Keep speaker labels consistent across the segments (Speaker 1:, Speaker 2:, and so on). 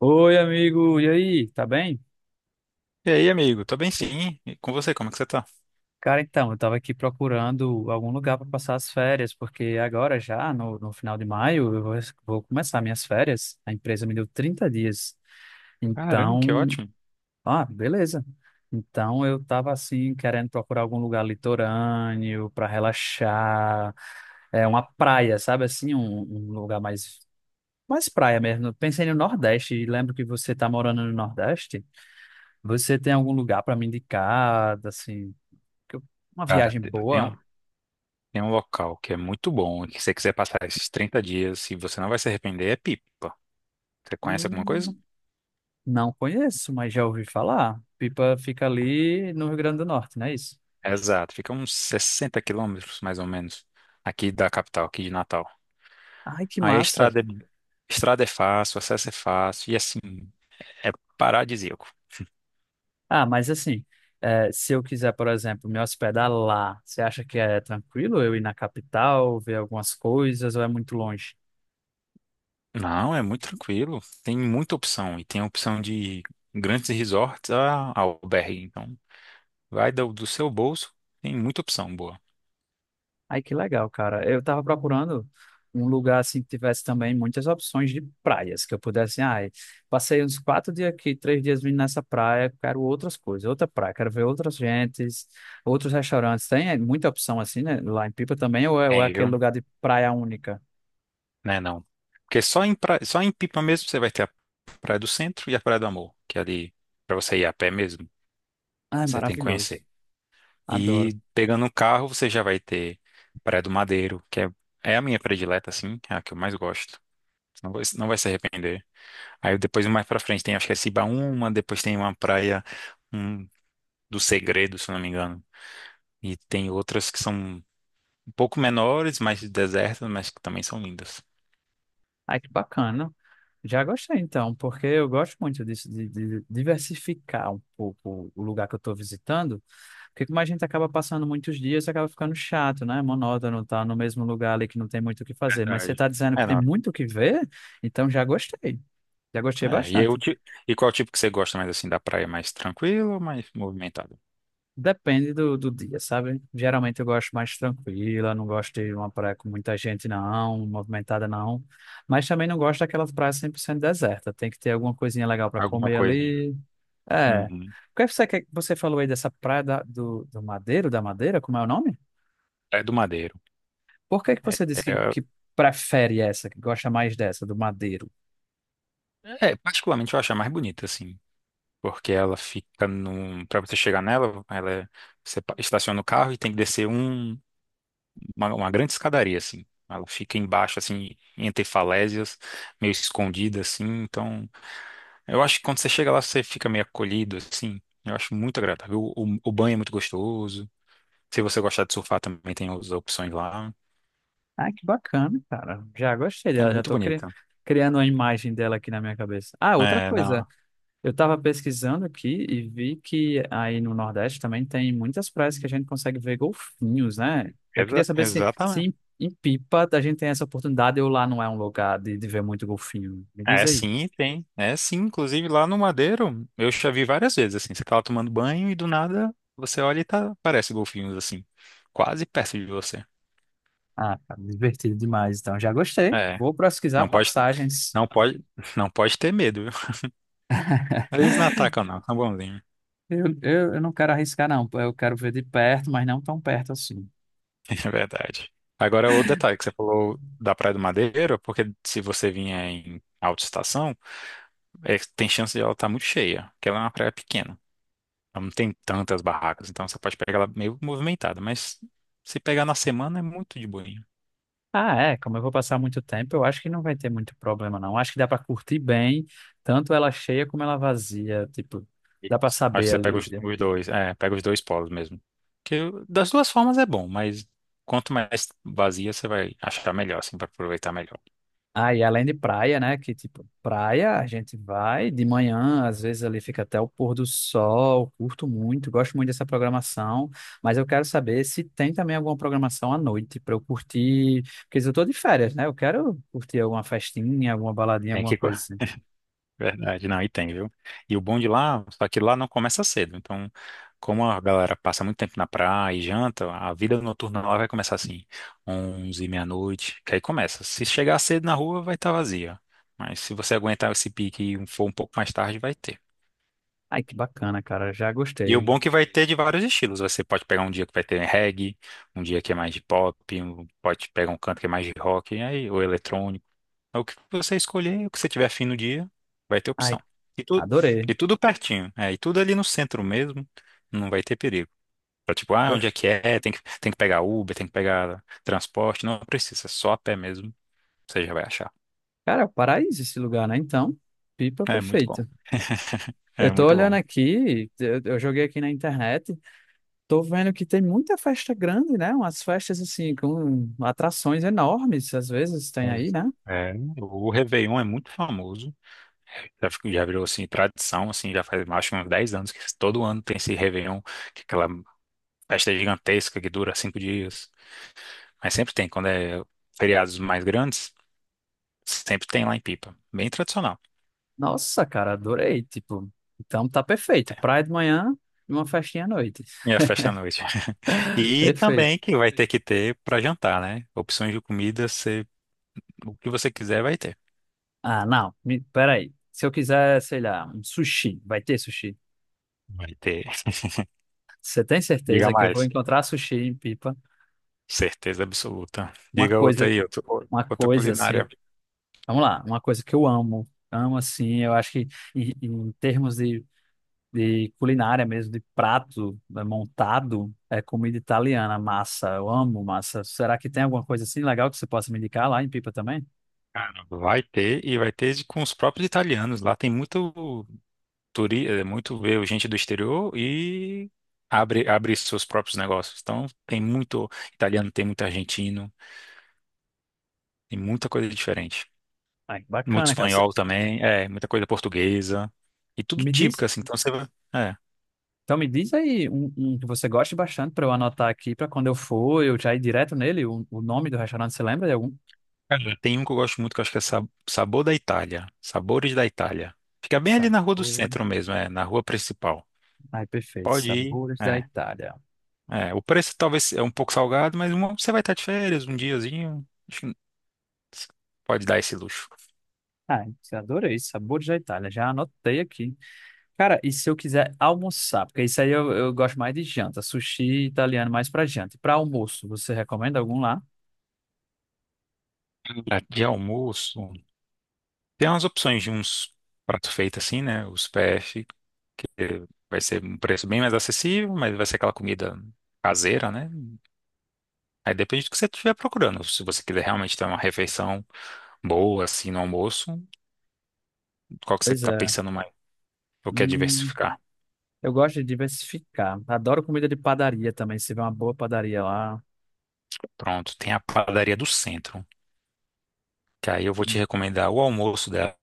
Speaker 1: Oi, amigo, e aí, tá bem?
Speaker 2: E aí, amigo? Tô bem sim. E com você, como é que você tá?
Speaker 1: Cara, então, eu tava aqui procurando algum lugar para passar as férias, porque agora já, no final de maio, vou começar minhas férias. A empresa me deu 30 dias.
Speaker 2: Caramba, que
Speaker 1: Então,
Speaker 2: ótimo.
Speaker 1: ah, beleza. Então, eu tava assim, querendo procurar algum lugar litorâneo para relaxar, é uma praia, sabe assim, um lugar mais praia mesmo. Eu pensei no Nordeste, e lembro que você tá morando no Nordeste. Você tem algum lugar para me indicar, assim, que eu- uma
Speaker 2: Cara,
Speaker 1: viagem boa?
Speaker 2: tem um local que é muito bom e que se você quiser passar esses 30 dias e você não vai se arrepender, é Pipa. Você conhece alguma coisa?
Speaker 1: Hum, não conheço, mas já ouvi falar. Pipa fica ali no Rio Grande do Norte, não é isso?
Speaker 2: Exato, fica uns 60 km, mais ou menos, aqui da capital, aqui de Natal.
Speaker 1: Ai, que
Speaker 2: Aí a
Speaker 1: massa!
Speaker 2: estrada é fácil, o acesso é fácil e assim, é paradisíaco.
Speaker 1: Ah, mas assim, se eu quiser, por exemplo, me hospedar lá, você acha que é tranquilo eu ir na capital, ver algumas coisas, ou é muito longe?
Speaker 2: Não, é muito tranquilo. Tem muita opção e tem a opção de grandes resorts a albergue, então. Vai do seu bolso, tem muita opção boa.
Speaker 1: Ai, que legal, cara. Eu tava procurando um lugar assim que tivesse também muitas opções de praias, que eu pudesse, ai, passei uns 4 dias aqui, 3 dias vindo nessa praia, quero outras coisas, outra praia, quero ver outras gentes, outros restaurantes. Tem é, muita opção assim, né? Lá em Pipa também, ou é
Speaker 2: Tem, viu?
Speaker 1: aquele lugar de praia única?
Speaker 2: Né, não. Porque só em Pipa mesmo você vai ter a Praia do Centro e a Praia do Amor, que é ali, pra você ir a pé mesmo,
Speaker 1: Ai,
Speaker 2: você tem que
Speaker 1: maravilhoso.
Speaker 2: conhecer.
Speaker 1: Adoro.
Speaker 2: E pegando um carro, você já vai ter Praia do Madeiro, é a minha predileta, assim, é a que eu mais gosto. Você não vai se arrepender. Aí depois, mais pra frente, tem, acho que é Cibaúma, depois tem uma um, do Segredo, se eu não me engano. E tem outras que são um pouco menores, mais desertas, mas que também são lindas.
Speaker 1: Ai, que bacana. Já gostei então, porque eu gosto muito disso, de diversificar um pouco o lugar que eu estou visitando. Porque como a gente acaba passando muitos dias, acaba ficando chato, né? Monótono, tá no mesmo lugar ali que não tem muito o que fazer. Mas você
Speaker 2: Verdade.
Speaker 1: tá dizendo que
Speaker 2: É,
Speaker 1: tem
Speaker 2: não.
Speaker 1: muito o que ver, então já gostei. Já gostei
Speaker 2: É, e, eu,
Speaker 1: bastante.
Speaker 2: ti- e qual tipo que você gosta mais assim da praia? Mais tranquilo ou mais movimentado?
Speaker 1: Depende do dia, sabe? Geralmente eu gosto mais tranquila, não gosto de uma praia com muita gente, não, movimentada, não. Mas também não gosto daquelas praias 100% deserta. Tem que ter alguma coisinha legal para
Speaker 2: Alguma
Speaker 1: comer
Speaker 2: coisinha.
Speaker 1: ali. É. O
Speaker 2: Uhum.
Speaker 1: que você falou aí dessa praia do Madeiro, da Madeira, como é o nome?
Speaker 2: É do Madeiro.
Speaker 1: Por que que
Speaker 2: É,
Speaker 1: você disse
Speaker 2: é-
Speaker 1: que prefere essa, que gosta mais dessa, do Madeiro?
Speaker 2: Particularmente eu acho a mais bonita, assim, porque ela fica num. Pra você chegar nela, você estaciona o carro e tem que descer uma grande escadaria, assim. Ela fica embaixo, assim, entre falésias, meio escondida, assim. Então, eu acho que quando você chega lá, você fica meio acolhido, assim. Eu acho muito agradável. O banho é muito gostoso. Se você gostar de surfar, também tem as opções lá.
Speaker 1: Ah, que bacana, cara. Já gostei
Speaker 2: É
Speaker 1: dela, já
Speaker 2: muito
Speaker 1: estou
Speaker 2: bonita.
Speaker 1: criando a imagem dela aqui na minha cabeça. Ah, outra
Speaker 2: É,
Speaker 1: coisa,
Speaker 2: não.
Speaker 1: eu estava pesquisando aqui e vi que aí no Nordeste também tem muitas praias que a gente consegue ver golfinhos, né? Eu queria
Speaker 2: Exa-
Speaker 1: saber se
Speaker 2: exatamente.
Speaker 1: em Pipa a gente tem essa oportunidade ou lá não é um lugar de ver muito golfinho. Me diz
Speaker 2: É,
Speaker 1: aí.
Speaker 2: sim, tem. É, sim. Inclusive, lá no Madeiro, eu já vi várias vezes, assim. Você tá lá tomando banho e do nada você olha e tá, parece golfinhos, assim. Quase perto de você.
Speaker 1: Ah, cara, divertido demais, então. Já gostei.
Speaker 2: É.
Speaker 1: Vou pesquisar
Speaker 2: Não pode,
Speaker 1: passagens.
Speaker 2: não pode, não pode ter medo, viu? Eles não atacam, não. São bonzinhos.
Speaker 1: Eu não quero arriscar, não. Eu quero ver de perto, mas não tão perto assim.
Speaker 2: É verdade. Agora, o detalhe que você falou da Praia do Madeiro, porque se você vinha em alta estação, é, tem chance de ela estar muito cheia, porque ela é uma praia pequena. Ela não tem tantas barracas, então você pode pegar ela meio movimentada, mas se pegar na semana é muito de boinha.
Speaker 1: Ah, é, como eu vou passar muito tempo, eu acho que não vai ter muito problema, não. Acho que dá para curtir bem, tanto ela cheia como ela vazia, tipo, dá para
Speaker 2: Isso. Acho que
Speaker 1: saber
Speaker 2: você pega
Speaker 1: ali.
Speaker 2: os dois, é, pega os dois polos mesmo. Das duas formas é bom, mas quanto mais vazia você vai achar melhor, assim, para aproveitar melhor.
Speaker 1: Aí, além de praia, né? Que tipo, praia a gente vai de manhã, às vezes ali fica até o pôr do sol, curto muito, gosto muito dessa programação, mas eu quero saber se tem também alguma programação à noite para eu curtir, porque eu tô de férias, né? Eu quero curtir alguma festinha, alguma baladinha,
Speaker 2: Tem
Speaker 1: alguma
Speaker 2: que,
Speaker 1: coisa assim.
Speaker 2: verdade, não, e tem, viu? E o bom de lá, só que lá não começa cedo. Então, como a galera passa muito tempo na praia e janta, a vida noturna lá vai começar assim, 11, meia-noite, que aí começa. Se chegar cedo na rua, vai estar vazia. Mas se você aguentar esse pique e for um pouco mais tarde, vai ter.
Speaker 1: Ai, que bacana, cara, já
Speaker 2: E o
Speaker 1: gostei.
Speaker 2: bom é que vai ter de vários estilos. Você pode pegar um dia que vai ter reggae, um dia que é mais de pop, pode pegar um canto que é mais de rock, e aí, ou eletrônico. É o que você escolher, o que você tiver afim no dia, vai ter
Speaker 1: Ai,
Speaker 2: opção. E, tu,
Speaker 1: adorei.
Speaker 2: e tudo pertinho, é, e tudo ali no centro mesmo, não vai ter perigo. Pra, tipo, ah,
Speaker 1: Go-
Speaker 2: onde é que é? Tem que pegar Uber, tem que pegar transporte, não precisa, é só a pé mesmo, você já vai achar.
Speaker 1: Cara, é o paraíso esse lugar, né? Então, pipa
Speaker 2: É muito bom,
Speaker 1: perfeita.
Speaker 2: é
Speaker 1: Eu tô
Speaker 2: muito
Speaker 1: olhando
Speaker 2: bom.
Speaker 1: aqui, eu joguei aqui na internet. Tô vendo que tem muita festa grande, né? Umas festas assim, com atrações enormes, às vezes tem aí,
Speaker 2: Mas,
Speaker 1: né?
Speaker 2: é, o Réveillon é muito famoso, já, já virou, assim, tradição, assim, já faz mais de uns 10 anos que todo ano tem esse Réveillon, que é aquela festa gigantesca que dura 5 dias, mas sempre tem, quando é feriados mais grandes, sempre tem lá em Pipa. Bem tradicional.
Speaker 1: Nossa, cara, adorei. Tipo, então tá perfeito. Praia de manhã e uma festinha à noite.
Speaker 2: E a festa à noite. E
Speaker 1: Perfeito.
Speaker 2: também que vai ter que ter para jantar, né? Opções de comida, o que você quiser vai ter.
Speaker 1: Ah, não, me, peraí. Se eu quiser, sei lá, um sushi, vai ter sushi.
Speaker 2: Vai ter.
Speaker 1: Você tem
Speaker 2: Diga
Speaker 1: certeza que eu vou
Speaker 2: mais.
Speaker 1: encontrar sushi em Pipa?
Speaker 2: Certeza absoluta.
Speaker 1: Uma
Speaker 2: Diga outra
Speaker 1: coisa,
Speaker 2: aí, outra,
Speaker 1: uma
Speaker 2: outra
Speaker 1: coisa
Speaker 2: culinária.
Speaker 1: assim. Vamos lá, uma coisa que eu amo. Amo assim, eu acho que em termos de culinária mesmo, de prato né, montado, é comida italiana, massa. Eu amo massa. Será que tem alguma coisa assim legal que você possa me indicar lá em Pipa também?
Speaker 2: Cara, vai ter e vai ter com os próprios italianos. Lá tem muito veio gente do exterior e abre seus próprios negócios. Então tem muito italiano, tem muito argentino, tem muita coisa diferente.
Speaker 1: Ah, que
Speaker 2: Muito
Speaker 1: bacana, cara.
Speaker 2: espanhol também, é, muita coisa portuguesa. E tudo
Speaker 1: Me
Speaker 2: típico,
Speaker 1: diz,
Speaker 2: assim. Então você vai. É.
Speaker 1: então me diz aí um que você goste bastante para eu anotar aqui para quando eu for, eu já ir direto nele. O nome do restaurante, você lembra de algum?
Speaker 2: Cara, tem um que eu gosto muito que eu acho que é Sabor da Itália. Sabores da Itália. Fica bem ali na rua do centro
Speaker 1: Sabores.
Speaker 2: mesmo, é, na rua principal.
Speaker 1: Ai, perfeito.
Speaker 2: Pode ir.
Speaker 1: Sabores da
Speaker 2: É.
Speaker 1: Itália.
Speaker 2: É. O preço talvez é um pouco salgado, mas uma- você vai estar de férias um diazinho. Acho que pode dar esse luxo.
Speaker 1: Ai, adorei. Sabores da Itália. Já anotei aqui. Cara, e se eu quiser almoçar? Porque isso aí eu gosto mais de janta. Sushi italiano mais pra janta. E pra almoço, você recomenda algum lá?
Speaker 2: De almoço, tem umas opções de uns pratos feitos assim, né? Os PF, que vai ser um preço bem mais acessível, mas vai ser aquela comida caseira, né? Aí depende do que você estiver procurando. Se você quiser realmente ter uma refeição boa, assim, no almoço, qual que você
Speaker 1: Pois
Speaker 2: está
Speaker 1: é.
Speaker 2: pensando mais? Eu quero
Speaker 1: Hum,
Speaker 2: diversificar.
Speaker 1: eu gosto de diversificar. Adoro comida de padaria também. Se tiver uma boa padaria lá.
Speaker 2: Pronto, tem a padaria do centro, que aí eu vou te recomendar o almoço dela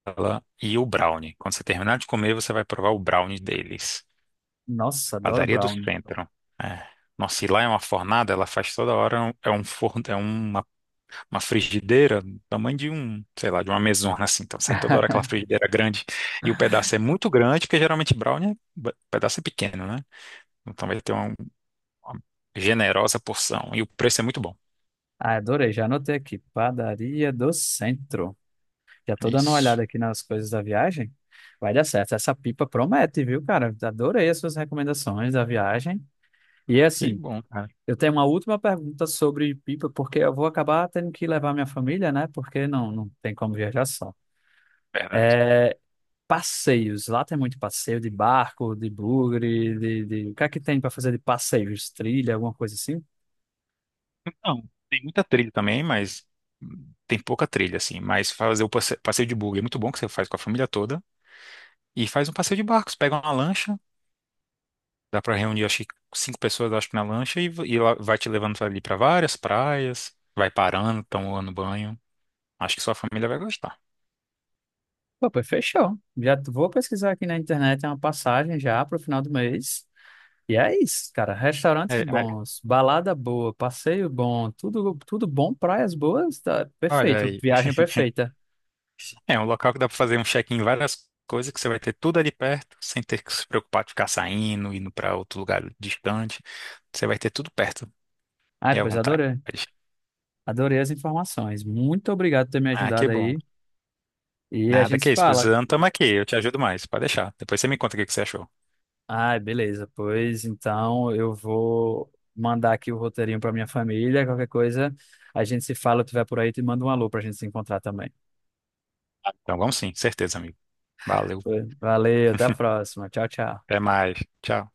Speaker 2: e o brownie. Quando você terminar de comer, você vai provar o brownie deles.
Speaker 1: Nossa, adoro
Speaker 2: Padaria do
Speaker 1: brownie.
Speaker 2: centro. É. Nossa, e lá é uma fornada, ela faz toda hora, é um forno, é uma frigideira do tamanho de um, sei lá, de uma mesona assim. Então sai toda hora aquela frigideira grande e o pedaço é muito grande, porque geralmente brownie, o pedaço é pequeno, né? Então vai ter uma generosa porção e o preço é muito bom.
Speaker 1: Ah, adorei. Já anotei aqui. Padaria do Centro. Já tô dando uma
Speaker 2: Isso.
Speaker 1: olhada aqui nas coisas da viagem. Vai dar certo. Essa pipa promete, viu, cara? Adorei as suas recomendações da viagem. E
Speaker 2: Que
Speaker 1: assim.
Speaker 2: bom, cara.
Speaker 1: Eu tenho uma última pergunta sobre pipa, porque eu vou acabar tendo que levar minha família, né? Porque não, não tem como viajar só.
Speaker 2: Verdade.
Speaker 1: É, passeios. Lá tem muito passeio de barco, de bugre, o que é que tem para fazer de passeios? Trilha, alguma coisa assim?
Speaker 2: Então, tem muita trilha também, mas tem pouca trilha assim, mas fazer o passeio de buggy é muito bom que você faz com a família toda. E faz um passeio de barcos, pega uma lancha, dá pra reunir, acho que 5 pessoas, acho que na lancha, e lá vai te levando ali pra várias praias, vai parando, tomando banho. Acho que sua família vai gostar.
Speaker 1: Pô, pois fechou. Já vou pesquisar aqui na internet, é uma passagem já para o final do mês. E é isso, cara.
Speaker 2: É,
Speaker 1: Restaurantes
Speaker 2: é,
Speaker 1: bons, balada boa, passeio bom, tudo, tudo bom, praias boas, tá
Speaker 2: olha
Speaker 1: perfeito.
Speaker 2: aí,
Speaker 1: Viagem perfeita.
Speaker 2: é um local que dá pra fazer um check-in em várias coisas, que você vai ter tudo ali perto, sem ter que se preocupar de ficar saindo, indo pra outro lugar distante. Você vai ter tudo perto
Speaker 1: Ai,
Speaker 2: e à
Speaker 1: pois
Speaker 2: vontade.
Speaker 1: adorei. Adorei as informações. Muito obrigado por ter me
Speaker 2: Ah, que
Speaker 1: ajudado
Speaker 2: bom.
Speaker 1: aí. E a
Speaker 2: Nada
Speaker 1: gente
Speaker 2: que
Speaker 1: se
Speaker 2: isso,
Speaker 1: fala.
Speaker 2: precisando, tamo aqui, eu te ajudo mais, pode deixar. Depois você me conta o que que você achou.
Speaker 1: Ah, beleza. Pois então eu vou mandar aqui o roteirinho para minha família. Qualquer coisa, a gente se fala. Eu estiver por aí, te manda um alô para a gente se encontrar também.
Speaker 2: Então vamos sim, certeza, amigo. Valeu.
Speaker 1: Pois, Valeu, até a próxima. Tchau, tchau.
Speaker 2: Até mais. Tchau.